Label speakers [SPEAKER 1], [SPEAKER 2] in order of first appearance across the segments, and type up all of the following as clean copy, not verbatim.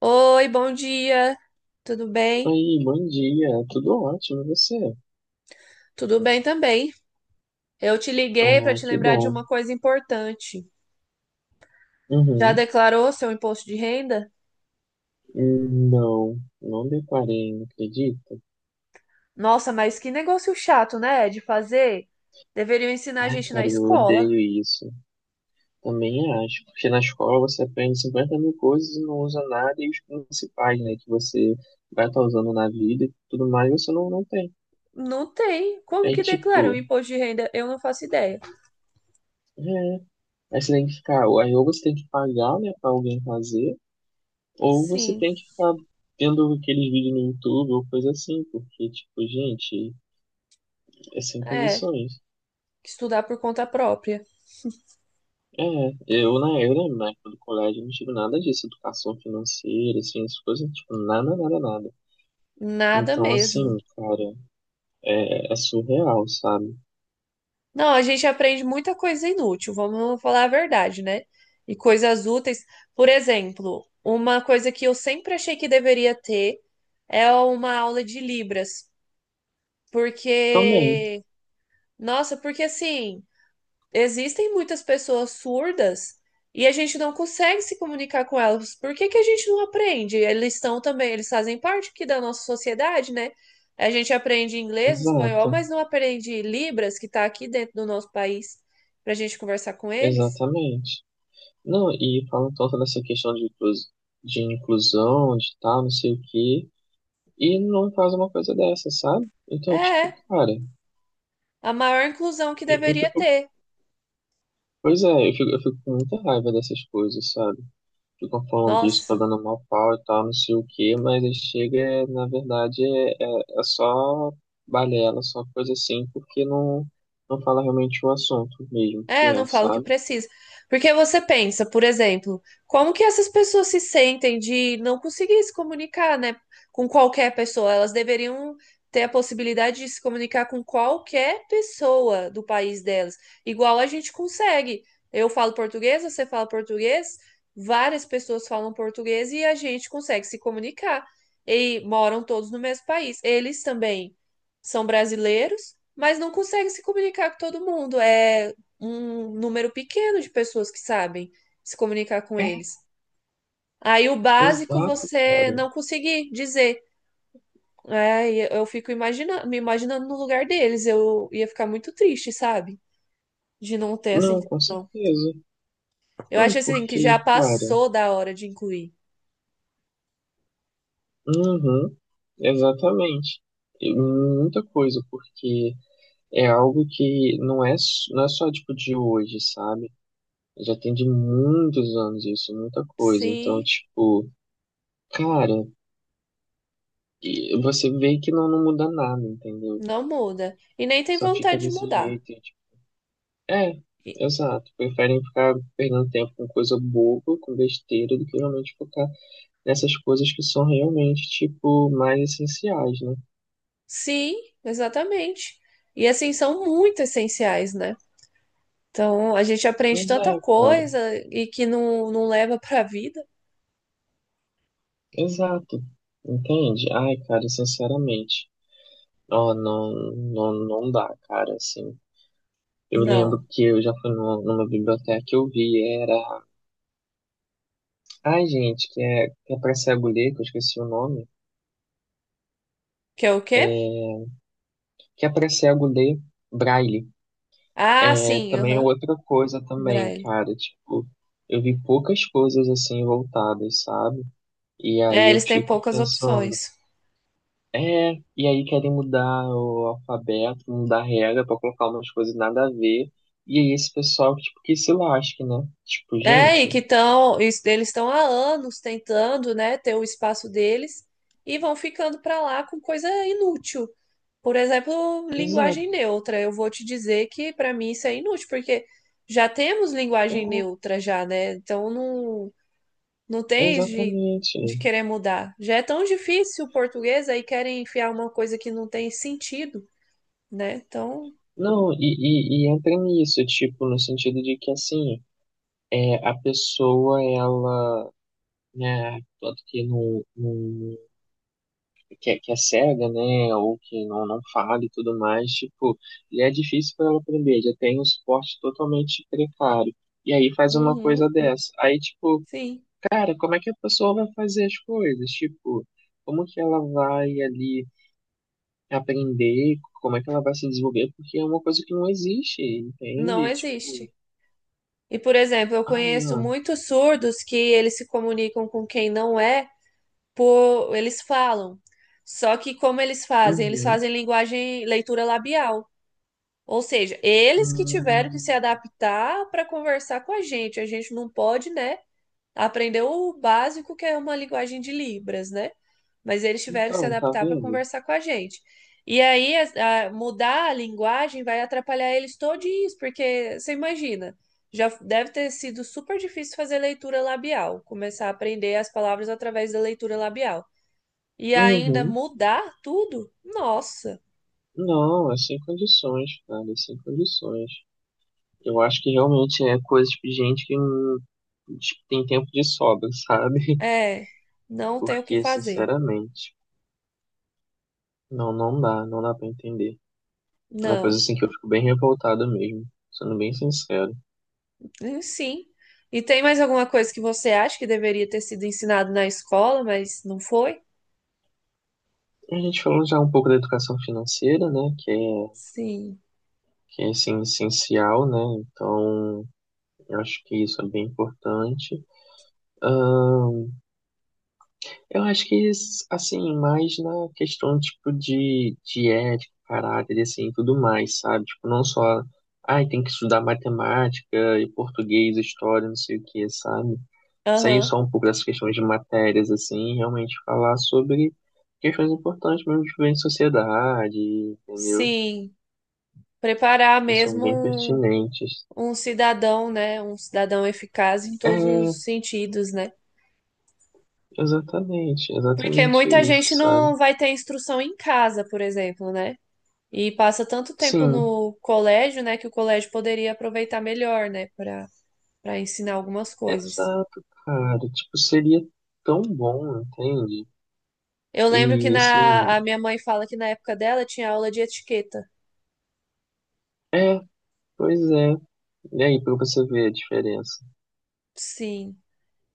[SPEAKER 1] Oi, bom dia. Tudo bem?
[SPEAKER 2] Oi, bom dia, tudo ótimo, e você?
[SPEAKER 1] Tudo bem também. Eu te liguei para
[SPEAKER 2] Ah,
[SPEAKER 1] te
[SPEAKER 2] que
[SPEAKER 1] lembrar de
[SPEAKER 2] bom.
[SPEAKER 1] uma coisa importante. Já
[SPEAKER 2] Uhum.
[SPEAKER 1] declarou seu imposto de renda?
[SPEAKER 2] Não, não deparei, não acredita?
[SPEAKER 1] Nossa, mas que negócio chato, né, de fazer? Deveriam ensinar a
[SPEAKER 2] Ai,
[SPEAKER 1] gente na
[SPEAKER 2] cara, eu
[SPEAKER 1] escola.
[SPEAKER 2] odeio isso. Também acho, porque na escola você aprende 50 mil coisas e não usa nada, e os principais, né, que você vai estar usando na vida e tudo mais, você não tem.
[SPEAKER 1] Não tem. Como
[SPEAKER 2] Aí,
[SPEAKER 1] que declara um
[SPEAKER 2] tipo,
[SPEAKER 1] imposto de renda? Eu não faço ideia.
[SPEAKER 2] é, aí você tem que ficar, aí ou você tem que pagar, né, pra alguém fazer, ou você
[SPEAKER 1] Sim,
[SPEAKER 2] tem que ficar vendo aquele vídeo no YouTube ou coisa assim, porque, tipo, gente. É sem
[SPEAKER 1] é.
[SPEAKER 2] condições.
[SPEAKER 1] Estudar por conta própria.
[SPEAKER 2] É, eu, né, eu lembro na época do colégio, não tive nada disso, educação financeira, assim, essas coisas, tipo, nada, nada, nada.
[SPEAKER 1] Nada
[SPEAKER 2] Então, assim,
[SPEAKER 1] mesmo.
[SPEAKER 2] cara, é surreal, sabe?
[SPEAKER 1] Não, a gente aprende muita coisa inútil, vamos falar a verdade, né? E coisas úteis. Por exemplo, uma coisa que eu sempre achei que deveria ter é uma aula de Libras,
[SPEAKER 2] Também,
[SPEAKER 1] porque, nossa, porque assim. Existem muitas pessoas surdas e a gente não consegue se comunicar com elas. Por que que a gente não aprende? Eles estão também, eles fazem parte aqui da nossa sociedade, né? A gente aprende inglês, espanhol,
[SPEAKER 2] exato,
[SPEAKER 1] mas não aprende Libras, que está aqui dentro do nosso país, para a gente conversar com eles.
[SPEAKER 2] exatamente. Não, e falam tanto dessa questão de, de inclusão, de tal, não sei o quê, e não faz uma coisa dessa, sabe? Então, tipo,
[SPEAKER 1] É,
[SPEAKER 2] cara,
[SPEAKER 1] a maior inclusão que
[SPEAKER 2] eu
[SPEAKER 1] deveria
[SPEAKER 2] fico,
[SPEAKER 1] ter.
[SPEAKER 2] pois é, eu fico com muita raiva dessas coisas, sabe? Ficam falando disso,
[SPEAKER 1] Nossa.
[SPEAKER 2] pagando mal pau e tal, não sei o quê, mas aí chega, na verdade, é só balela, só coisa assim, porque não fala realmente o assunto mesmo
[SPEAKER 1] É,
[SPEAKER 2] que é,
[SPEAKER 1] não falo que
[SPEAKER 2] sabe?
[SPEAKER 1] precisa. Porque você pensa, por exemplo, como que essas pessoas se sentem de não conseguir se comunicar, né, com qualquer pessoa? Elas deveriam ter a possibilidade de se comunicar com qualquer pessoa do país delas, igual a gente consegue. Eu falo português, você fala português, várias pessoas falam português e a gente consegue se comunicar. E moram todos no mesmo país. Eles também são brasileiros, mas não conseguem se comunicar com todo mundo. É um número pequeno de pessoas que sabem se comunicar com
[SPEAKER 2] É,
[SPEAKER 1] eles. Aí o básico
[SPEAKER 2] exato,
[SPEAKER 1] você
[SPEAKER 2] cara.
[SPEAKER 1] não conseguir dizer. Aí eu fico imaginando, me imaginando no lugar deles. Eu ia ficar muito triste, sabe? De não ter essa
[SPEAKER 2] Não, com
[SPEAKER 1] inclusão.
[SPEAKER 2] certeza.
[SPEAKER 1] Eu
[SPEAKER 2] Não,
[SPEAKER 1] acho assim que já
[SPEAKER 2] porque, cara,
[SPEAKER 1] passou da hora de incluir.
[SPEAKER 2] uhum, exatamente. E muita coisa, porque é algo que não é, não é só, tipo, de hoje, sabe? Já tem de muitos anos isso, muita coisa. Então,
[SPEAKER 1] Sim,
[SPEAKER 2] tipo, cara, e você vê que não muda nada, entendeu?
[SPEAKER 1] não muda. E nem tem
[SPEAKER 2] Só fica
[SPEAKER 1] vontade de
[SPEAKER 2] desse
[SPEAKER 1] mudar.
[SPEAKER 2] jeito. E, tipo, é,
[SPEAKER 1] E-
[SPEAKER 2] exato. Preferem ficar perdendo tempo com coisa boba, com besteira, do que realmente focar nessas coisas que são realmente, tipo, mais essenciais, né?
[SPEAKER 1] Sim, exatamente. E assim são muito essenciais, né? Então a gente aprende
[SPEAKER 2] Mas
[SPEAKER 1] tanta
[SPEAKER 2] é, cara,
[SPEAKER 1] coisa e que não leva para a vida.
[SPEAKER 2] exato. Entende? Ai, cara, sinceramente, ó, não dá, cara, assim. Eu lembro
[SPEAKER 1] Não.
[SPEAKER 2] que eu já fui numa, numa biblioteca que eu vi, era. Ai, gente, que é pra cego ler, que eu esqueci o nome.
[SPEAKER 1] Que é o quê?
[SPEAKER 2] Que é pra cego ler braille.
[SPEAKER 1] Ah,
[SPEAKER 2] É,
[SPEAKER 1] sim,
[SPEAKER 2] também é
[SPEAKER 1] aham.
[SPEAKER 2] outra coisa também,
[SPEAKER 1] Braille.
[SPEAKER 2] cara, tipo, eu vi poucas coisas assim voltadas, sabe? E
[SPEAKER 1] É,
[SPEAKER 2] aí eu
[SPEAKER 1] eles têm
[SPEAKER 2] fico
[SPEAKER 1] poucas
[SPEAKER 2] pensando,
[SPEAKER 1] opções.
[SPEAKER 2] é, e aí querem mudar o alfabeto, mudar a regra pra colocar umas coisas nada a ver. E aí esse pessoal, tipo, que se lasque, né? Tipo,
[SPEAKER 1] É, e
[SPEAKER 2] gente,
[SPEAKER 1] que estão, eles estão há anos tentando, né, ter o espaço deles e vão ficando para lá com coisa inútil. Por exemplo, linguagem
[SPEAKER 2] exato,
[SPEAKER 1] neutra. Eu vou te dizer que para mim isso é inútil, porque já temos
[SPEAKER 2] é,
[SPEAKER 1] linguagem neutra já, né? Então não tem isso
[SPEAKER 2] exatamente.
[SPEAKER 1] de querer mudar. Já é tão difícil o português, aí querem enfiar uma coisa que não tem sentido, né? Então
[SPEAKER 2] Não, e entra nisso, tipo, no sentido de que assim, é, a pessoa, ela é, tanto que não no que, que é cega, né, ou que não fala e tudo mais, tipo, já é difícil para ela aprender, já tem um suporte totalmente precário. E aí faz uma
[SPEAKER 1] uhum,
[SPEAKER 2] coisa dessa. Aí, tipo,
[SPEAKER 1] sim,
[SPEAKER 2] cara, como é que a pessoa vai fazer as coisas? Tipo, como que ela vai ali aprender? Como é que ela vai se desenvolver? Porque é uma coisa que não existe,
[SPEAKER 1] não
[SPEAKER 2] entende? Tipo,
[SPEAKER 1] existe. E, por exemplo, eu
[SPEAKER 2] ai,
[SPEAKER 1] conheço
[SPEAKER 2] ó,
[SPEAKER 1] muitos surdos que eles se comunicam com quem não é, por eles falam. Só que como eles fazem? Eles
[SPEAKER 2] uhum,
[SPEAKER 1] fazem linguagem, leitura labial. Ou seja, eles que tiveram que se
[SPEAKER 2] hum,
[SPEAKER 1] adaptar para conversar com a gente. A gente não pode, né? Aprendeu o básico, que é uma linguagem de Libras, né? Mas eles tiveram que se
[SPEAKER 2] então, tá
[SPEAKER 1] adaptar para
[SPEAKER 2] vendo?
[SPEAKER 1] conversar com a gente. E aí, mudar a linguagem vai atrapalhar eles todinhos, porque você imagina, já deve ter sido super difícil fazer leitura labial, começar a aprender as palavras através da leitura labial. E ainda
[SPEAKER 2] Uhum.
[SPEAKER 1] mudar tudo? Nossa,
[SPEAKER 2] Não, é sem condições, cara, é sem condições. Eu acho que realmente é coisa de gente que não tipo, tem tempo de sobra, sabe?
[SPEAKER 1] é, não tem o que
[SPEAKER 2] Porque,
[SPEAKER 1] fazer.
[SPEAKER 2] sinceramente, não dá, não dá pra entender. É uma coisa
[SPEAKER 1] Não.
[SPEAKER 2] assim que eu fico bem revoltado mesmo, sendo bem sincero.
[SPEAKER 1] Sim. E tem mais alguma coisa que você acha que deveria ter sido ensinado na escola, mas não foi?
[SPEAKER 2] A gente falou já um pouco da educação financeira, né?
[SPEAKER 1] Sim.
[SPEAKER 2] Que é assim, essencial, né? Então, eu acho que isso é bem importante. Eu acho que, assim, mais na questão, tipo, de ética, caráter, assim, e assim, tudo mais, sabe? Tipo, não só, ai, tem que estudar matemática e português, história, não sei o que, sabe? Sair
[SPEAKER 1] Aham.
[SPEAKER 2] só um pouco dessas questões de matérias, assim, e realmente falar sobre questões importantes mesmo de viver em sociedade, entendeu?
[SPEAKER 1] Sim. Preparar
[SPEAKER 2] Que são bem
[SPEAKER 1] mesmo
[SPEAKER 2] pertinentes.
[SPEAKER 1] um, um cidadão, né? Um cidadão eficaz em todos
[SPEAKER 2] É,
[SPEAKER 1] os sentidos, né?
[SPEAKER 2] exatamente,
[SPEAKER 1] Porque
[SPEAKER 2] exatamente
[SPEAKER 1] muita
[SPEAKER 2] isso,
[SPEAKER 1] gente
[SPEAKER 2] sabe?
[SPEAKER 1] não vai ter instrução em casa, por exemplo, né? E passa tanto tempo
[SPEAKER 2] Sim,
[SPEAKER 1] no colégio, né, que o colégio poderia aproveitar melhor, né, para ensinar algumas coisas.
[SPEAKER 2] exato, cara. Tipo, seria tão bom, entende?
[SPEAKER 1] Eu lembro que
[SPEAKER 2] E assim,
[SPEAKER 1] na, a minha mãe fala que na época dela tinha aula de etiqueta.
[SPEAKER 2] é, pois é. E aí, pra você ver a diferença.
[SPEAKER 1] Sim,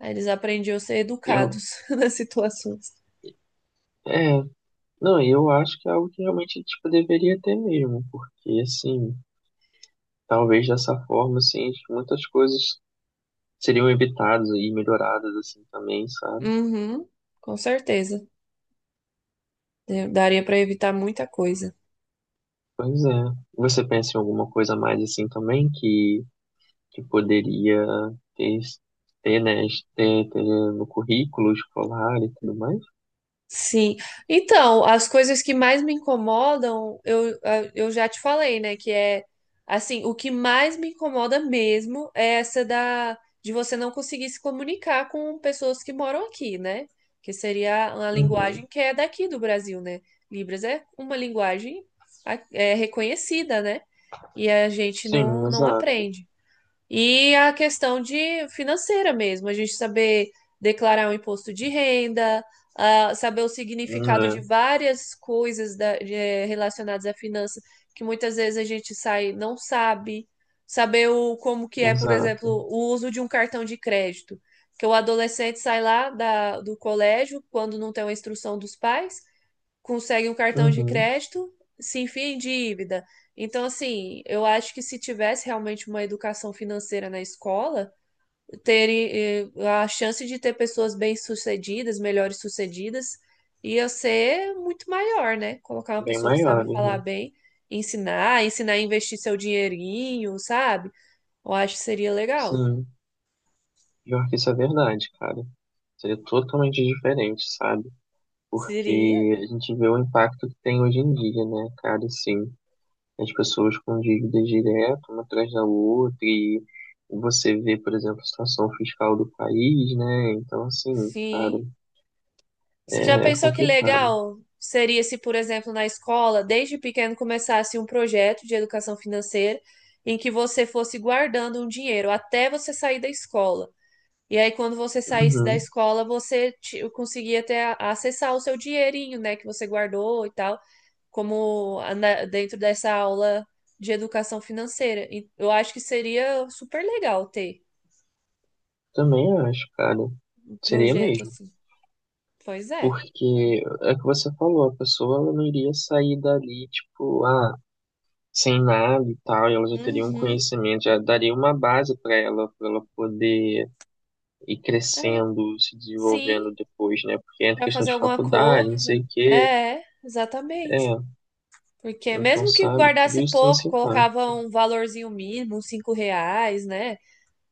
[SPEAKER 1] aí eles aprendiam a ser
[SPEAKER 2] Eu,
[SPEAKER 1] educados nas situações.
[SPEAKER 2] é, não, eu acho que é algo que realmente, tipo, deveria ter mesmo, porque assim, talvez dessa forma, assim, muitas coisas seriam evitadas e melhoradas, assim, também, sabe?
[SPEAKER 1] Uhum, com certeza. Eu daria para evitar muita coisa.
[SPEAKER 2] Pois é. Você pensa em alguma coisa a mais, assim, também, que poderia ter, ter, né, ter no currículo escolar e tudo mais.
[SPEAKER 1] Sim. Então, as coisas que mais me incomodam, eu, eu já te falei, né? Que é assim, o que mais me incomoda mesmo é essa da de você não conseguir se comunicar com pessoas que moram aqui, né? Que seria uma linguagem
[SPEAKER 2] Uhum.
[SPEAKER 1] que é daqui do Brasil, né? Libras é uma linguagem é reconhecida, né? E a gente
[SPEAKER 2] Sim,
[SPEAKER 1] não
[SPEAKER 2] exato.
[SPEAKER 1] aprende. E a questão de financeira mesmo, a gente saber declarar o imposto de renda, ah, saber o significado de
[SPEAKER 2] Hum,
[SPEAKER 1] várias coisas relacionadas à finança, que muitas vezes a gente sai não sabe, saber o, como que
[SPEAKER 2] É,
[SPEAKER 1] é, por exemplo,
[SPEAKER 2] exato.
[SPEAKER 1] o uso de um cartão de crédito, que o adolescente sai lá da, do colégio quando não tem uma instrução dos pais consegue um cartão de
[SPEAKER 2] Uhum.
[SPEAKER 1] crédito, se enfia em dívida. Então, assim, eu acho que se tivesse realmente uma educação financeira na escola, ter a chance de ter pessoas bem-sucedidas, melhores-sucedidas, ia ser muito maior, né? Colocar uma
[SPEAKER 2] Bem
[SPEAKER 1] pessoa que sabe
[SPEAKER 2] maiores,
[SPEAKER 1] falar
[SPEAKER 2] né?
[SPEAKER 1] bem, ensinar a investir seu dinheirinho, sabe? Eu acho que seria legal.
[SPEAKER 2] Sim, pior que isso é verdade, cara. Seria totalmente diferente, sabe?
[SPEAKER 1] Seria.
[SPEAKER 2] Porque a gente vê o impacto que tem hoje em dia, né, cara? Sim, as pessoas com dívidas direto, uma atrás da outra, e você vê, por exemplo, a situação fiscal do país, né? Então, assim, cara,
[SPEAKER 1] Sim. Você já
[SPEAKER 2] é
[SPEAKER 1] pensou que
[SPEAKER 2] complicado.
[SPEAKER 1] legal seria se, por exemplo, na escola, desde pequeno começasse um projeto de educação financeira em que você fosse guardando um dinheiro até você sair da escola. E aí, quando você saísse da
[SPEAKER 2] Uhum.
[SPEAKER 1] escola, você conseguia ter a- acessar o seu dinheirinho, né, que você guardou e tal, como dentro dessa aula de educação financeira. E eu acho que seria super legal ter
[SPEAKER 2] Também acho, cara.
[SPEAKER 1] um
[SPEAKER 2] Seria
[SPEAKER 1] projeto
[SPEAKER 2] mesmo.
[SPEAKER 1] assim. Pois é.
[SPEAKER 2] Porque é o que você falou, a pessoa ela não iria sair dali, tipo, ah, sem nada e tal, e ela já teria um
[SPEAKER 1] Uhum.
[SPEAKER 2] conhecimento, já daria uma base para ela poder ir
[SPEAKER 1] É.
[SPEAKER 2] crescendo, se desenvolvendo
[SPEAKER 1] Sim.
[SPEAKER 2] depois, né? Porque entra
[SPEAKER 1] Pra
[SPEAKER 2] questão
[SPEAKER 1] fazer
[SPEAKER 2] de
[SPEAKER 1] alguma
[SPEAKER 2] faculdade, não
[SPEAKER 1] coisa.
[SPEAKER 2] sei o quê.
[SPEAKER 1] É, exatamente.
[SPEAKER 2] É,
[SPEAKER 1] Porque
[SPEAKER 2] então,
[SPEAKER 1] mesmo que
[SPEAKER 2] sabe, tudo
[SPEAKER 1] guardasse
[SPEAKER 2] isso tem
[SPEAKER 1] pouco,
[SPEAKER 2] esse impacto.
[SPEAKER 1] colocava um valorzinho mínimo, uns 5 reais, né?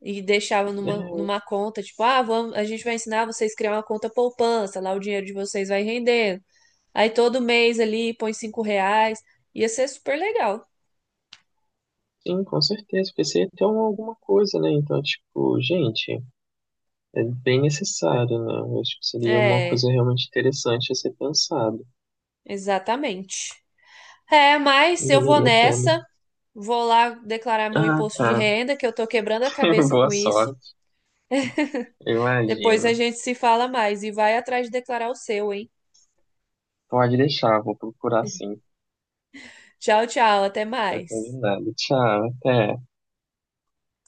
[SPEAKER 1] E deixava numa,
[SPEAKER 2] É,
[SPEAKER 1] numa conta, tipo, ah, vamos, a gente vai ensinar vocês a criar uma conta poupança, lá o dinheiro de vocês vai rendendo. Aí todo mês ali põe 5 reais. Ia ser super legal.
[SPEAKER 2] sim, com certeza, porque você ia ter uma- alguma coisa, né? Então, tipo, gente. É bem necessário, né? Eu acho que seria uma
[SPEAKER 1] É,
[SPEAKER 2] coisa realmente interessante a ser pensado.
[SPEAKER 1] exatamente. É,
[SPEAKER 2] E
[SPEAKER 1] mas eu vou
[SPEAKER 2] valeria a pena.
[SPEAKER 1] nessa, vou lá declarar meu
[SPEAKER 2] Ah,
[SPEAKER 1] imposto
[SPEAKER 2] tá.
[SPEAKER 1] de renda, que eu tô quebrando a cabeça
[SPEAKER 2] Boa
[SPEAKER 1] com
[SPEAKER 2] sorte,
[SPEAKER 1] isso.
[SPEAKER 2] eu
[SPEAKER 1] Depois a
[SPEAKER 2] imagino.
[SPEAKER 1] gente se fala mais e vai atrás de declarar o seu, hein?
[SPEAKER 2] Pode deixar, vou procurar sim.
[SPEAKER 1] Tchau, tchau, até
[SPEAKER 2] Tá
[SPEAKER 1] mais.
[SPEAKER 2] combinado. Tchau, até.